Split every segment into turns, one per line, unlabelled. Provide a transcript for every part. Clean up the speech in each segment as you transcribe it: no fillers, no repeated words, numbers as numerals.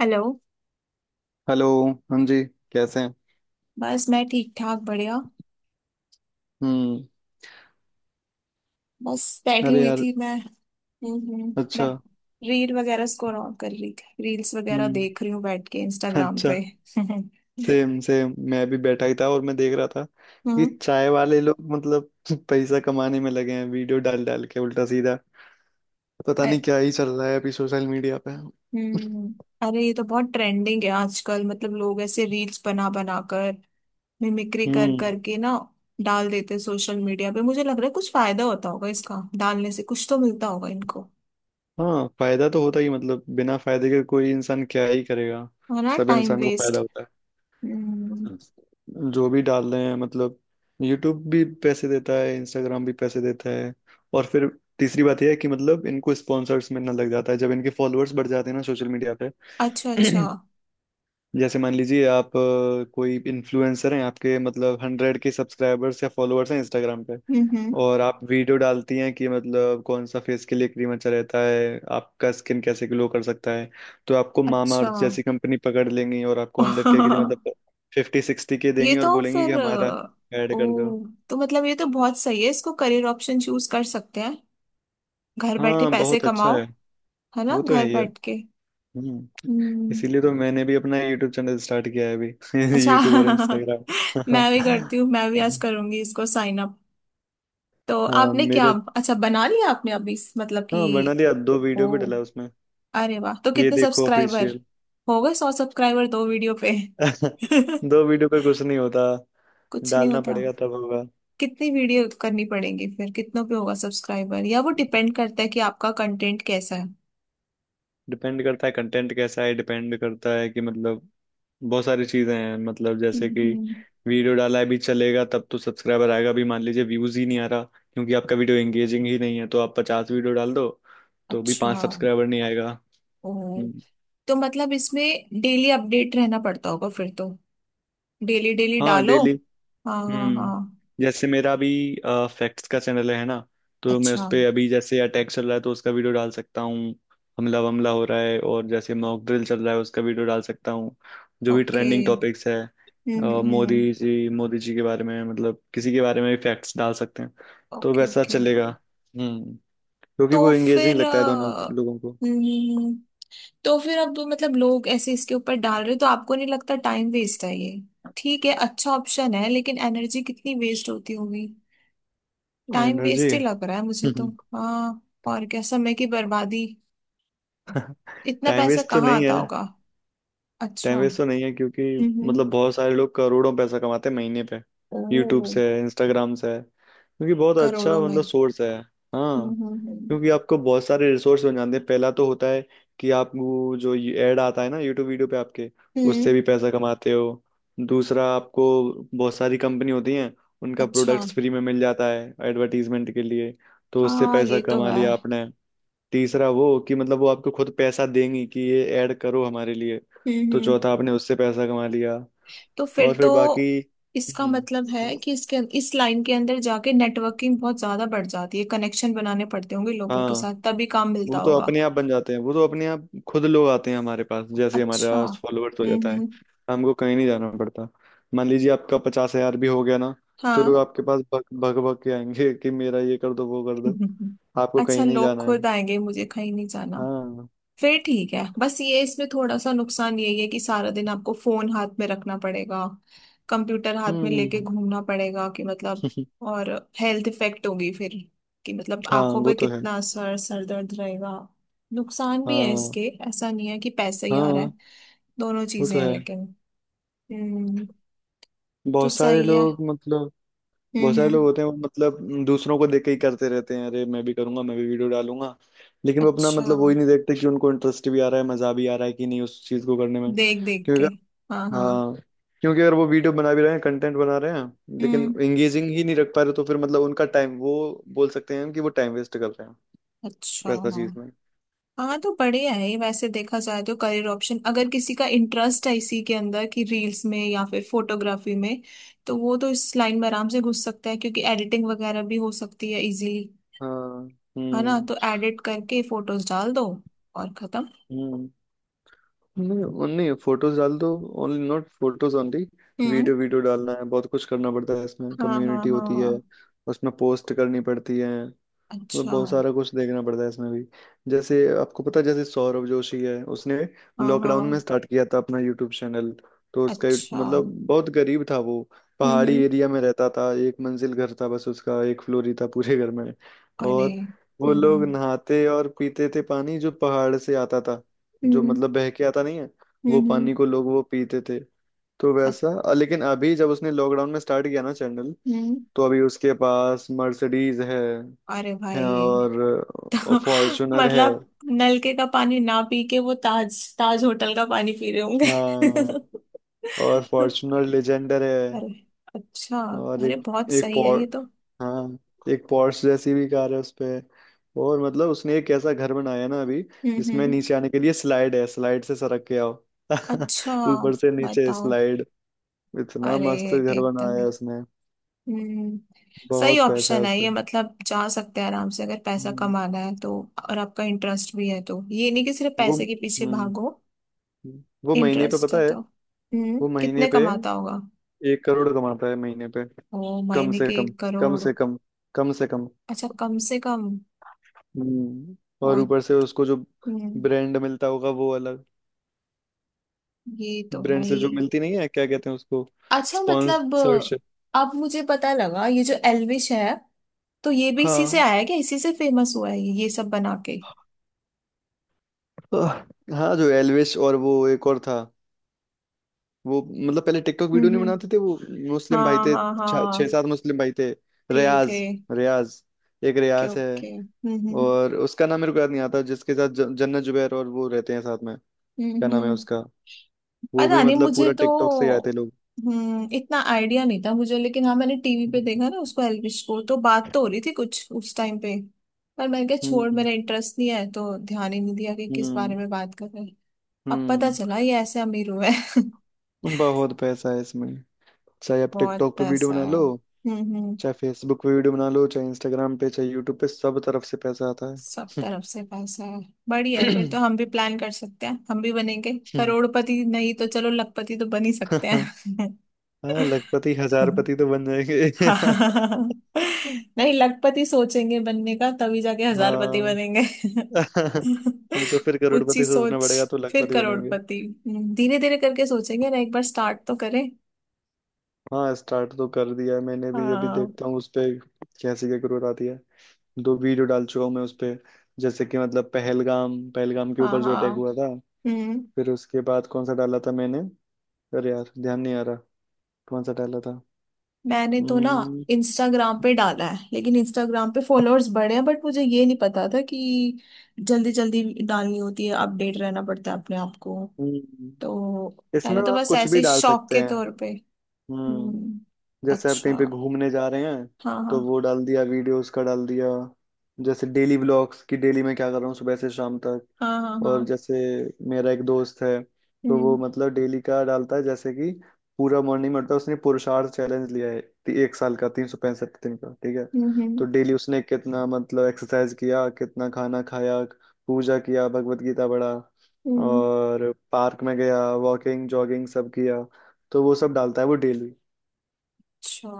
Hello.
Hello. हाँ जी। कैसे हैं?
बस मैं ठीक ठाक बढ़िया।
हम्म।
बस बैठी
अरे
हुई
यार।
थी मैं। मैं
अच्छा।
रील वगैरह स्क्रॉल ऑन कर रही थी। रील्स वगैरह
हम्म।
देख रही हूँ बैठ के इंस्टाग्राम
अच्छा।
पे हम्म।
सेम सेम मैं भी बैठा ही था और मैं देख रहा था कि चाय वाले लोग मतलब पैसा कमाने में लगे हैं वीडियो डाल डाल के उल्टा सीधा। पता
अ-
नहीं क्या ही चल रहा है अभी सोशल मीडिया पे।
हम्म, अरे ये तो बहुत ट्रेंडिंग है आजकल। मतलब लोग ऐसे रील्स बना बना कर मिमिक्री कर
हम्म।
करके ना डाल देते सोशल मीडिया पे। मुझे लग रहा है कुछ फायदा होता होगा इसका, डालने से कुछ तो मिलता होगा इनको।
हाँ फायदा तो होता ही मतलब बिना फायदे के कोई इंसान क्या ही करेगा।
है ना,
सब
टाइम
इंसान को
वेस्ट।
फायदा होता है
हम्म।
जो भी डाल रहे हैं मतलब। यूट्यूब भी पैसे देता है, इंस्टाग्राम भी पैसे देता है। और फिर तीसरी बात यह है कि मतलब इनको स्पॉन्सर्स मिलना लग जाता है जब इनके फॉलोअर्स बढ़ जाते हैं ना सोशल मीडिया पे।
अच्छा अच्छा।
जैसे मान लीजिए आप कोई इन्फ्लुएंसर हैं, आपके मतलब 100 के सब्सक्राइबर्स या फॉलोअर्स हैं इंस्टाग्राम पे।
हम्म।
और आप वीडियो डालती हैं कि मतलब कौन सा फेस के लिए क्रीम अच्छा रहता है, आपका स्किन कैसे ग्लो कर सकता है। तो आपको
अच्छा
मामाअर्थ जैसी कंपनी पकड़ लेंगी और आपको 100 के लिए मतलब 50 60 के
ये
देंगी और
तो
बोलेंगी कि
फिर
हमारा ऐड कर दो।
ओ तो मतलब ये तो बहुत सही है। इसको करियर ऑप्शन चूज कर सकते हैं। घर बैठे
हाँ
पैसे
बहुत अच्छा
कमाओ।
है।
है ना,
वो तो है
घर
ही है।
बैठ के।
हम्म।
हम्म।
इसीलिए तो मैंने भी अपना यूट्यूब चैनल स्टार्ट किया है अभी
अच्छा
यूट्यूब और इंस्टाग्राम।
मैं भी करती हूँ, मैं भी आज करूंगी इसको साइन अप। तो
हाँ
आपने क्या
मेरे।
अच्छा बना लिया आपने अभी मतलब कि।
हाँ मनाली अब दो
ओ,
वीडियो भी डला उसमें।
अरे वाह, तो
ये
कितने
देखो
सब्सक्राइबर
ऑफिशियल।
हो गए? सौ सब्सक्राइबर दो वीडियो पे?
दो वीडियो पे कुछ नहीं होता,
कुछ नहीं
डालना
होता।
पड़ेगा तब होगा।
कितनी वीडियो करनी पड़ेगी फिर? कितनों पे होगा सब्सक्राइबर? या वो डिपेंड करता है कि आपका कंटेंट कैसा है?
डिपेंड करता है कंटेंट कैसा है, डिपेंड करता है कि मतलब बहुत सारी चीजें हैं, मतलब जैसे कि
हम्म।
वीडियो डाला है भी चलेगा तब तो सब्सक्राइबर आएगा भी। मान लीजिए व्यूज ही नहीं आ रहा क्योंकि आपका वीडियो एंगेजिंग ही नहीं है, तो आप 50 वीडियो डाल दो तो भी
अच्छा।
पांच सब्सक्राइबर नहीं आएगा।
ओ,
हम्म।
तो मतलब इसमें डेली अपडेट रहना पड़ता होगा फिर तो। डेली डेली
हाँ
डालो।
डेली।
हाँ हाँ हाँ।
हम्म। जैसे मेरा अभी फैक्ट्स का चैनल है ना, तो मैं उस
अच्छा।
पे अभी जैसे अटैक चल रहा है तो उसका वीडियो डाल सकता हूँ। हमला वमला हो रहा है, और जैसे मॉक ड्रिल चल रहा है उसका वीडियो डाल सकता हूँ। जो भी
ओके।
ट्रेंडिंग टॉपिक्स है,
हम्म। हम्म।
मोदी जी के बारे में मतलब किसी के बारे में भी फैक्ट्स डाल सकते हैं तो
ओके
वैसा
ओके।
चलेगा। हम्म। क्योंकि
तो
वो एंगेजिंग
फिर
लगता है लोगों को।
हम्म, तो फिर अब मतलब लोग ऐसे इसके ऊपर डाल रहे हो, तो आपको नहीं लगता टाइम वेस्ट है ये? ठीक है, अच्छा ऑप्शन है, लेकिन एनर्जी कितनी वेस्ट होती होगी। Time
energy.
वेस्ट ही लग रहा है मुझे तो। हाँ। और क्या, समय की बर्बादी। इतना
टाइम
पैसा
वेस्ट तो
कहाँ
नहीं
आता
है,
होगा?
टाइम
अच्छा।
वेस्ट तो नहीं है क्योंकि
हम्म।
मतलब बहुत सारे लोग करोड़ों पैसा कमाते हैं महीने पे, यूट्यूब
ओ,
से इंस्टाग्राम से क्योंकि बहुत अच्छा
करोड़ों में?
मतलब सोर्स है। हाँ।
हम्म।
क्योंकि आपको बहुत सारे रिसोर्स बन जाते हैं। पहला तो होता है कि आपको जो एड आता है ना यूट्यूब वीडियो पे आपके,
हम्म।
उससे भी पैसा कमाते हो। दूसरा आपको बहुत सारी कंपनी होती हैं, उनका
अच्छा।
प्रोडक्ट्स फ्री में मिल जाता है एडवर्टीजमेंट के लिए, तो उससे
हाँ,
पैसा
ये तो
कमा
है।
लिया आपने। तीसरा वो कि मतलब वो आपको खुद पैसा देंगी कि ये ऐड करो हमारे लिए,
हम्म,
तो
हम्म।
चौथा आपने उससे पैसा कमा लिया।
तो फिर
और फिर
तो
बाकी।
इसका
हम्म।
मतलब है
हम्म।
कि इसके, इस लाइन के अंदर जाके नेटवर्किंग बहुत ज्यादा बढ़ जाती है। कनेक्शन बनाने पड़ते होंगे लोगों
हाँ।
के साथ, तभी काम मिलता
वो तो
होगा।
अपने आप बन जाते हैं, वो तो अपने आप खुद लोग आते हैं हमारे पास, जैसे ही हमारे
अच्छा।
पास फॉलोअर्स हो जाता है
हम्म।
हमको कहीं नहीं जाना पड़ता। मान लीजिए आपका 50,000 भी हो गया ना, तो
हाँ
लोग आपके पास भग भग भग के आएंगे कि मेरा ये कर दो वो कर दो। आपको
अच्छा,
कहीं नहीं
लोग
जाना है।
खुद आएंगे, मुझे कहीं नहीं जाना।
हाँ।
फिर ठीक है। बस ये इसमें थोड़ा सा नुकसान यही है कि सारा दिन आपको फोन हाथ में रखना पड़ेगा, कंप्यूटर हाथ में
हम्म।
लेके घूमना पड़ेगा। कि मतलब, और हेल्थ इफेक्ट होगी फिर। कि मतलब
हाँ
आंखों
वो
पे
तो है।
कितना असर, सर दर्द रहेगा। नुकसान भी है
हाँ
इसके। ऐसा नहीं है कि पैसे ही आ रहा है।
हाँ
दोनों
वो तो
चीजें हैं
है।
लेकिन। हम्म। तो
बहुत सारे
सही है।
लोग मतलब बहुत सारे लोग
हम्म।
होते हैं वो मतलब दूसरों को देख के ही करते रहते हैं, अरे मैं भी करूंगा, मैं भी वीडियो डालूंगा। लेकिन वो अपना
अच्छा,
मतलब वो ही नहीं देखते कि उनको इंटरेस्ट भी आ रहा है मजा भी आ रहा है कि नहीं उस चीज को करने में
देख देख
क्योंकि
के।
अगर-।
हाँ हाँ।
हाँ। क्योंकि अगर वो वीडियो बना भी रहे हैं कंटेंट बना रहे हैं लेकिन
हम्म।
एंगेजिंग ही नहीं रख पा रहे तो फिर मतलब उनका टाइम वो बोल सकते हैं हम कि वो टाइम वेस्ट कर रहे हैं।
अच्छा
वैसा चीज
हाँ।
में।
हाँ, तो बढ़िया है ये वैसे, देखा जाए तो करियर ऑप्शन, अगर किसी का इंटरेस्ट है इसी के अंदर कि रील्स में या फिर फोटोग्राफी में, तो वो तो इस लाइन में आराम से घुस सकता है, क्योंकि एडिटिंग वगैरह भी हो सकती है इजीली।
हाँ।
है ना,
हम्म।
तो एडिट करके फोटोज डाल दो और खत्म।
हम्म। नहीं नहीं फोटोज डाल दो, ओनली नॉट फोटोज ओनली।
हम्म।
वीडियो वीडियो डालना है, बहुत कुछ करना पड़ता है इसमें,
हाँ हाँ
कम्युनिटी होती है
हाँ।
उसमें पोस्ट करनी पड़ती है। मतलब
अच्छा।
बहुत सारा कुछ देखना पड़ता है इसमें भी। जैसे आपको पता है जैसे सौरभ जोशी है, उसने
हाँ
लॉकडाउन
हाँ।
में स्टार्ट किया था अपना यूट्यूब चैनल। तो उसका
अच्छा।
मतलब बहुत गरीब था वो, पहाड़ी
हम्म।
एरिया में रहता था, एक मंजिल घर था बस, उसका एक फ्लोर ही था पूरे घर में।
अरे।
और वो लोग
हम्म।
नहाते और पीते थे पानी जो पहाड़ से आता था, जो
हम्म।
मतलब बह के आता नहीं है वो
हम्म।
पानी को लोग वो पीते थे। तो
अ-
वैसा लेकिन अभी जब उसने लॉकडाउन में स्टार्ट किया ना चैनल
हम्म।
तो अभी उसके पास मर्सिडीज है।
अरे
हैं
भाई
और फॉर्चुनर है।
मतलब नलके का पानी ना पी के वो ताज ताज होटल का पानी पी रहे होंगे
हाँ और फॉर्चुनर लेजेंडर है।
अरे, अच्छा।
और
अरे
एक
बहुत
एक
सही है
पॉर
ये तो।
हाँ एक पॉर्श जैसी भी कार है उसपे। और मतलब उसने एक ऐसा घर बनाया है ना अभी जिसमें
हम्म।
नीचे आने के लिए स्लाइड है, स्लाइड से सरक के आओ
अच्छा,
ऊपर से नीचे
बताओ।
स्लाइड। इतना
अरे,
मस्त घर
एकदम
बनाया
ही।
है उसने।
हम्म। सही
बहुत पैसा है
ऑप्शन
उस
है
पर।
ये, मतलब जा सकते हैं आराम से, अगर पैसा
हम्म,
कमाना है तो। और आपका इंटरेस्ट भी है तो, ये नहीं कि सिर्फ
वो
पैसे के पीछे
हम्म
भागो।
वो महीने पे
इंटरेस्ट
पता
है
है,
तो। हम्म,
वो महीने
कितने
पे
कमाता होगा?
एक करोड़ कमाता है महीने पे।
ओ,
कम
महीने
से
के
कम,
एक
कम
करोड़?
से कम, कम से कम।
अच्छा, कम से कम।
हम्म। और
बहुत।
ऊपर से उसको जो
हम्म,
ब्रांड मिलता होगा वो अलग,
ये तो है
ब्रांड से
ही।
जो मिलती नहीं है क्या कहते हैं उसको,
अच्छा मतलब,
स्पॉन्सरशिप।
अब मुझे पता लगा ये जो एल्विश है, तो ये भी इसी से
हाँ।
आया है क्या? इसी से फेमस हुआ है ये सब बना के?
आह, हाँ जो एलविश और वो एक और था, वो मतलब पहले टिकटॉक वीडियो नहीं
हम्म।
बनाते थे वो। मुस्लिम भाई
हाँ
थे।
हाँ
छह छह
हाँ।
सात मुस्लिम भाई थे।
थे थे।
रियाज। रियाज। एक
ओके
रियाज है।
ओके। हम्म।
और उसका नाम मेरे को याद नहीं आता जिसके साथ जन्नत जुबैर और वो रहते हैं साथ में।
हम्म
क्या नाम है
हम्म।
उसका। वो भी
पता नहीं,
मतलब
मुझे
पूरा टिकटॉक से ही आए थे
तो
लोग।
इतना आइडिया नहीं था मुझे, लेकिन हाँ, मैंने टीवी पे देखा ना उसको, एल्विश को, तो बात तो हो रही थी कुछ उस टाइम पे। पर मैंने कहा छोड़,
हम्म।
मेरा इंटरेस्ट नहीं है, तो ध्यान ही नहीं दिया कि किस
हम्म।
बारे में बात कर रहे हैं। अब पता
हम्म।
चला ये ऐसे अमीर हुए हैं।
बहुत पैसा है इसमें, चाहे आप
बहुत
टिकटॉक पे वीडियो
पैसा
बना
है।
लो,
हम्म।
चाहे फेसबुक पे वीडियो बना लो, चाहे इंस्टाग्राम पे, चाहे यूट्यूब पे, सब तरफ से पैसा आता
सब
है।
तरफ से पैसा है। बढ़िया है फिर
हम्म,
तो। हम भी प्लान कर सकते हैं। हम भी बनेंगे करोड़पति, नहीं तो चलो लखपति तो बन ही सकते हैं
हाँ लखपति हजारपति तो बन जाएंगे।
हाँ नहीं, लखपति सोचेंगे बनने का, तभी जाके हजारपति
हाँ
बनेंगे
नहीं तो फिर
ऊंची
करोड़पति सोचना
सोच।
पड़ेगा तो
फिर
लखपति बनेंगे।
करोड़पति। धीरे धीरे करके सोचेंगे ना, एक बार स्टार्ट तो करें।
हाँ स्टार्ट तो कर दिया है मैंने भी, अभी
हाँ
देखता हूँ उस पे कैसी क्या ग्रोथ आती है। दो वीडियो डाल चुका हूँ मैं उस पे। जैसे कि मतलब पहलगाम पहलगाम के
हाँ
ऊपर जो अटैक
हाँ।
हुआ था,
हम्म।
फिर उसके बाद कौन सा डाला था मैंने, अरे यार ध्यान नहीं आ रहा कौन सा डाला था।
मैंने तो ना
हम्म।
इंस्टाग्राम पे डाला है, लेकिन इंस्टाग्राम पे फॉलोअर्स बढ़े हैं, बट मुझे ये नहीं पता था कि जल्दी जल्दी डालनी होती है, अपडेट रहना पड़ता है अपने आप को।
हम्म,
तो
इसमें
मैंने तो
आप
बस
कुछ
ऐसे
भी
ही
डाल
शौक
सकते
के
हैं।
तौर पे। हम्म।
हम्म। जैसे आप कहीं पे
अच्छा।
घूमने जा रहे हैं
हाँ हाँ।
तो वो डाल दिया, वीडियोस का डाल दिया, जैसे डेली व्लॉग्स कि डेली मैं क्या कर रहा हूँ सुबह से शाम तक।
हाँ हाँ
और
हाँ।
जैसे मेरा एक दोस्त है तो वो
हम्म
मतलब डेली का डालता है, जैसे कि पूरा मॉर्निंग में उठता है, उसने पुरुषार्थ चैलेंज लिया है एक साल का 365 दिन का ठीक है।
हम्म।
तो डेली उसने कितना मतलब एक्सरसाइज किया, कितना खाना खाया, पूजा किया, भगवत गीता पढ़ा,
हम्म।
और पार्क में गया, वॉकिंग जॉगिंग सब किया, तो वो सब डालता है वो डेली।
अच्छा,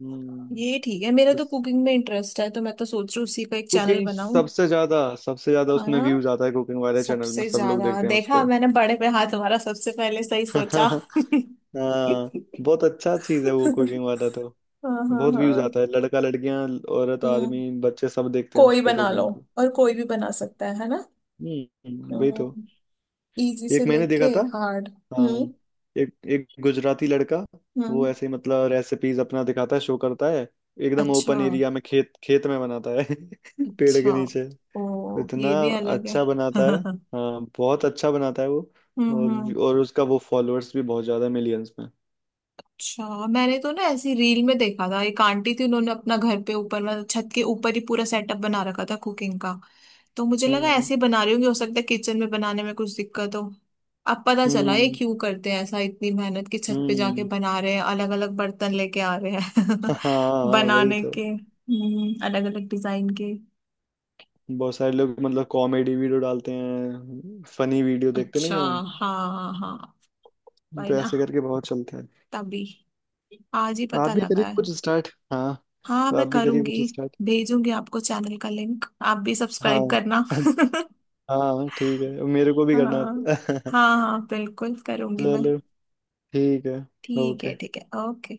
हम्म।
ये ठीक है, मेरा तो कुकिंग में इंटरेस्ट है, तो मैं तो सोच रही हूँ उसी का एक चैनल
कुकिंग
बनाऊं।
सबसे ज्यादा
है
उसमें
ना,
व्यूज आता है, कुकिंग वाले चैनल में
सबसे
सब लोग
ज्यादा
देखते हैं
देखा
उसको।
मैंने, बड़े पे हाथ हमारा सबसे पहले, सही सोचा
हाँ बहुत अच्छा चीज है वो कुकिंग वाला तो,
हाँ हाँ
बहुत व्यूज
हाँ।
आता है, लड़का लड़कियां औरत
हम्म,
आदमी बच्चे सब देखते हैं
कोई
उसको
बना लो।
कुकिंग को।
और कोई भी बना सकता है ना,
वही तो।
इजी से
एक मैंने
लेके
देखा था।
हार्ड।
हाँ
हम्म
एक एक गुजराती लड़का,
हम्म।
वो ऐसे ही मतलब रेसिपीज अपना दिखाता है, शो करता है, एकदम
अच्छा।
ओपन एरिया में खेत खेत में बनाता है पेड़ के
अच्छा,
नीचे।
ओ
इतना
ये भी अलग है
अच्छा बनाता है।
हम्म।
हाँ बहुत अच्छा बनाता है वो,
हम्म।
और उसका वो फॉलोअर्स भी बहुत ज्यादा मिलियंस में।
अच्छा, मैंने तो ना ऐसी रील में देखा था, एक आंटी थी, उन्होंने अपना घर पे ऊपर, मतलब छत के ऊपर ही पूरा सेटअप बना रखा था कुकिंग का। तो मुझे लगा
हम्म।
ऐसे ही बना रही होंगी, हो सकता है किचन में बनाने में कुछ दिक्कत हो। अब पता चला ये
हम्म।
क्यों करते हैं ऐसा, इतनी मेहनत की छत पे जाके
हम्म।
बना रहे हैं, अलग अलग बर्तन लेके आ रहे हैं
हाँ हाँ वही
बनाने
तो।
के, अलग अलग डिजाइन के।
बहुत सारे लोग मतलब कॉमेडी वीडियो डालते हैं फनी वीडियो, देखते
अच्छा।
नहीं हम,
हाँ हाँ, भाई
तो
ना।
ऐसे करके बहुत चलते हैं।
तभी, आज ही
आप
पता
भी करिए
लगा।
कुछ स्टार्ट। हाँ।
हाँ,
तो
मैं
आप भी करिए
करूंगी।
कुछ स्टार्ट।
भेजूंगी आपको चैनल का लिंक, आप भी
हाँ
सब्सक्राइब करना
हाँ ठीक है मेरे को भी
हाँ
करना आप
हाँ हाँ, बिल्कुल करूंगी मैं।
चलो ठीक है
ठीक
ओके।
है, ठीक है, ओके।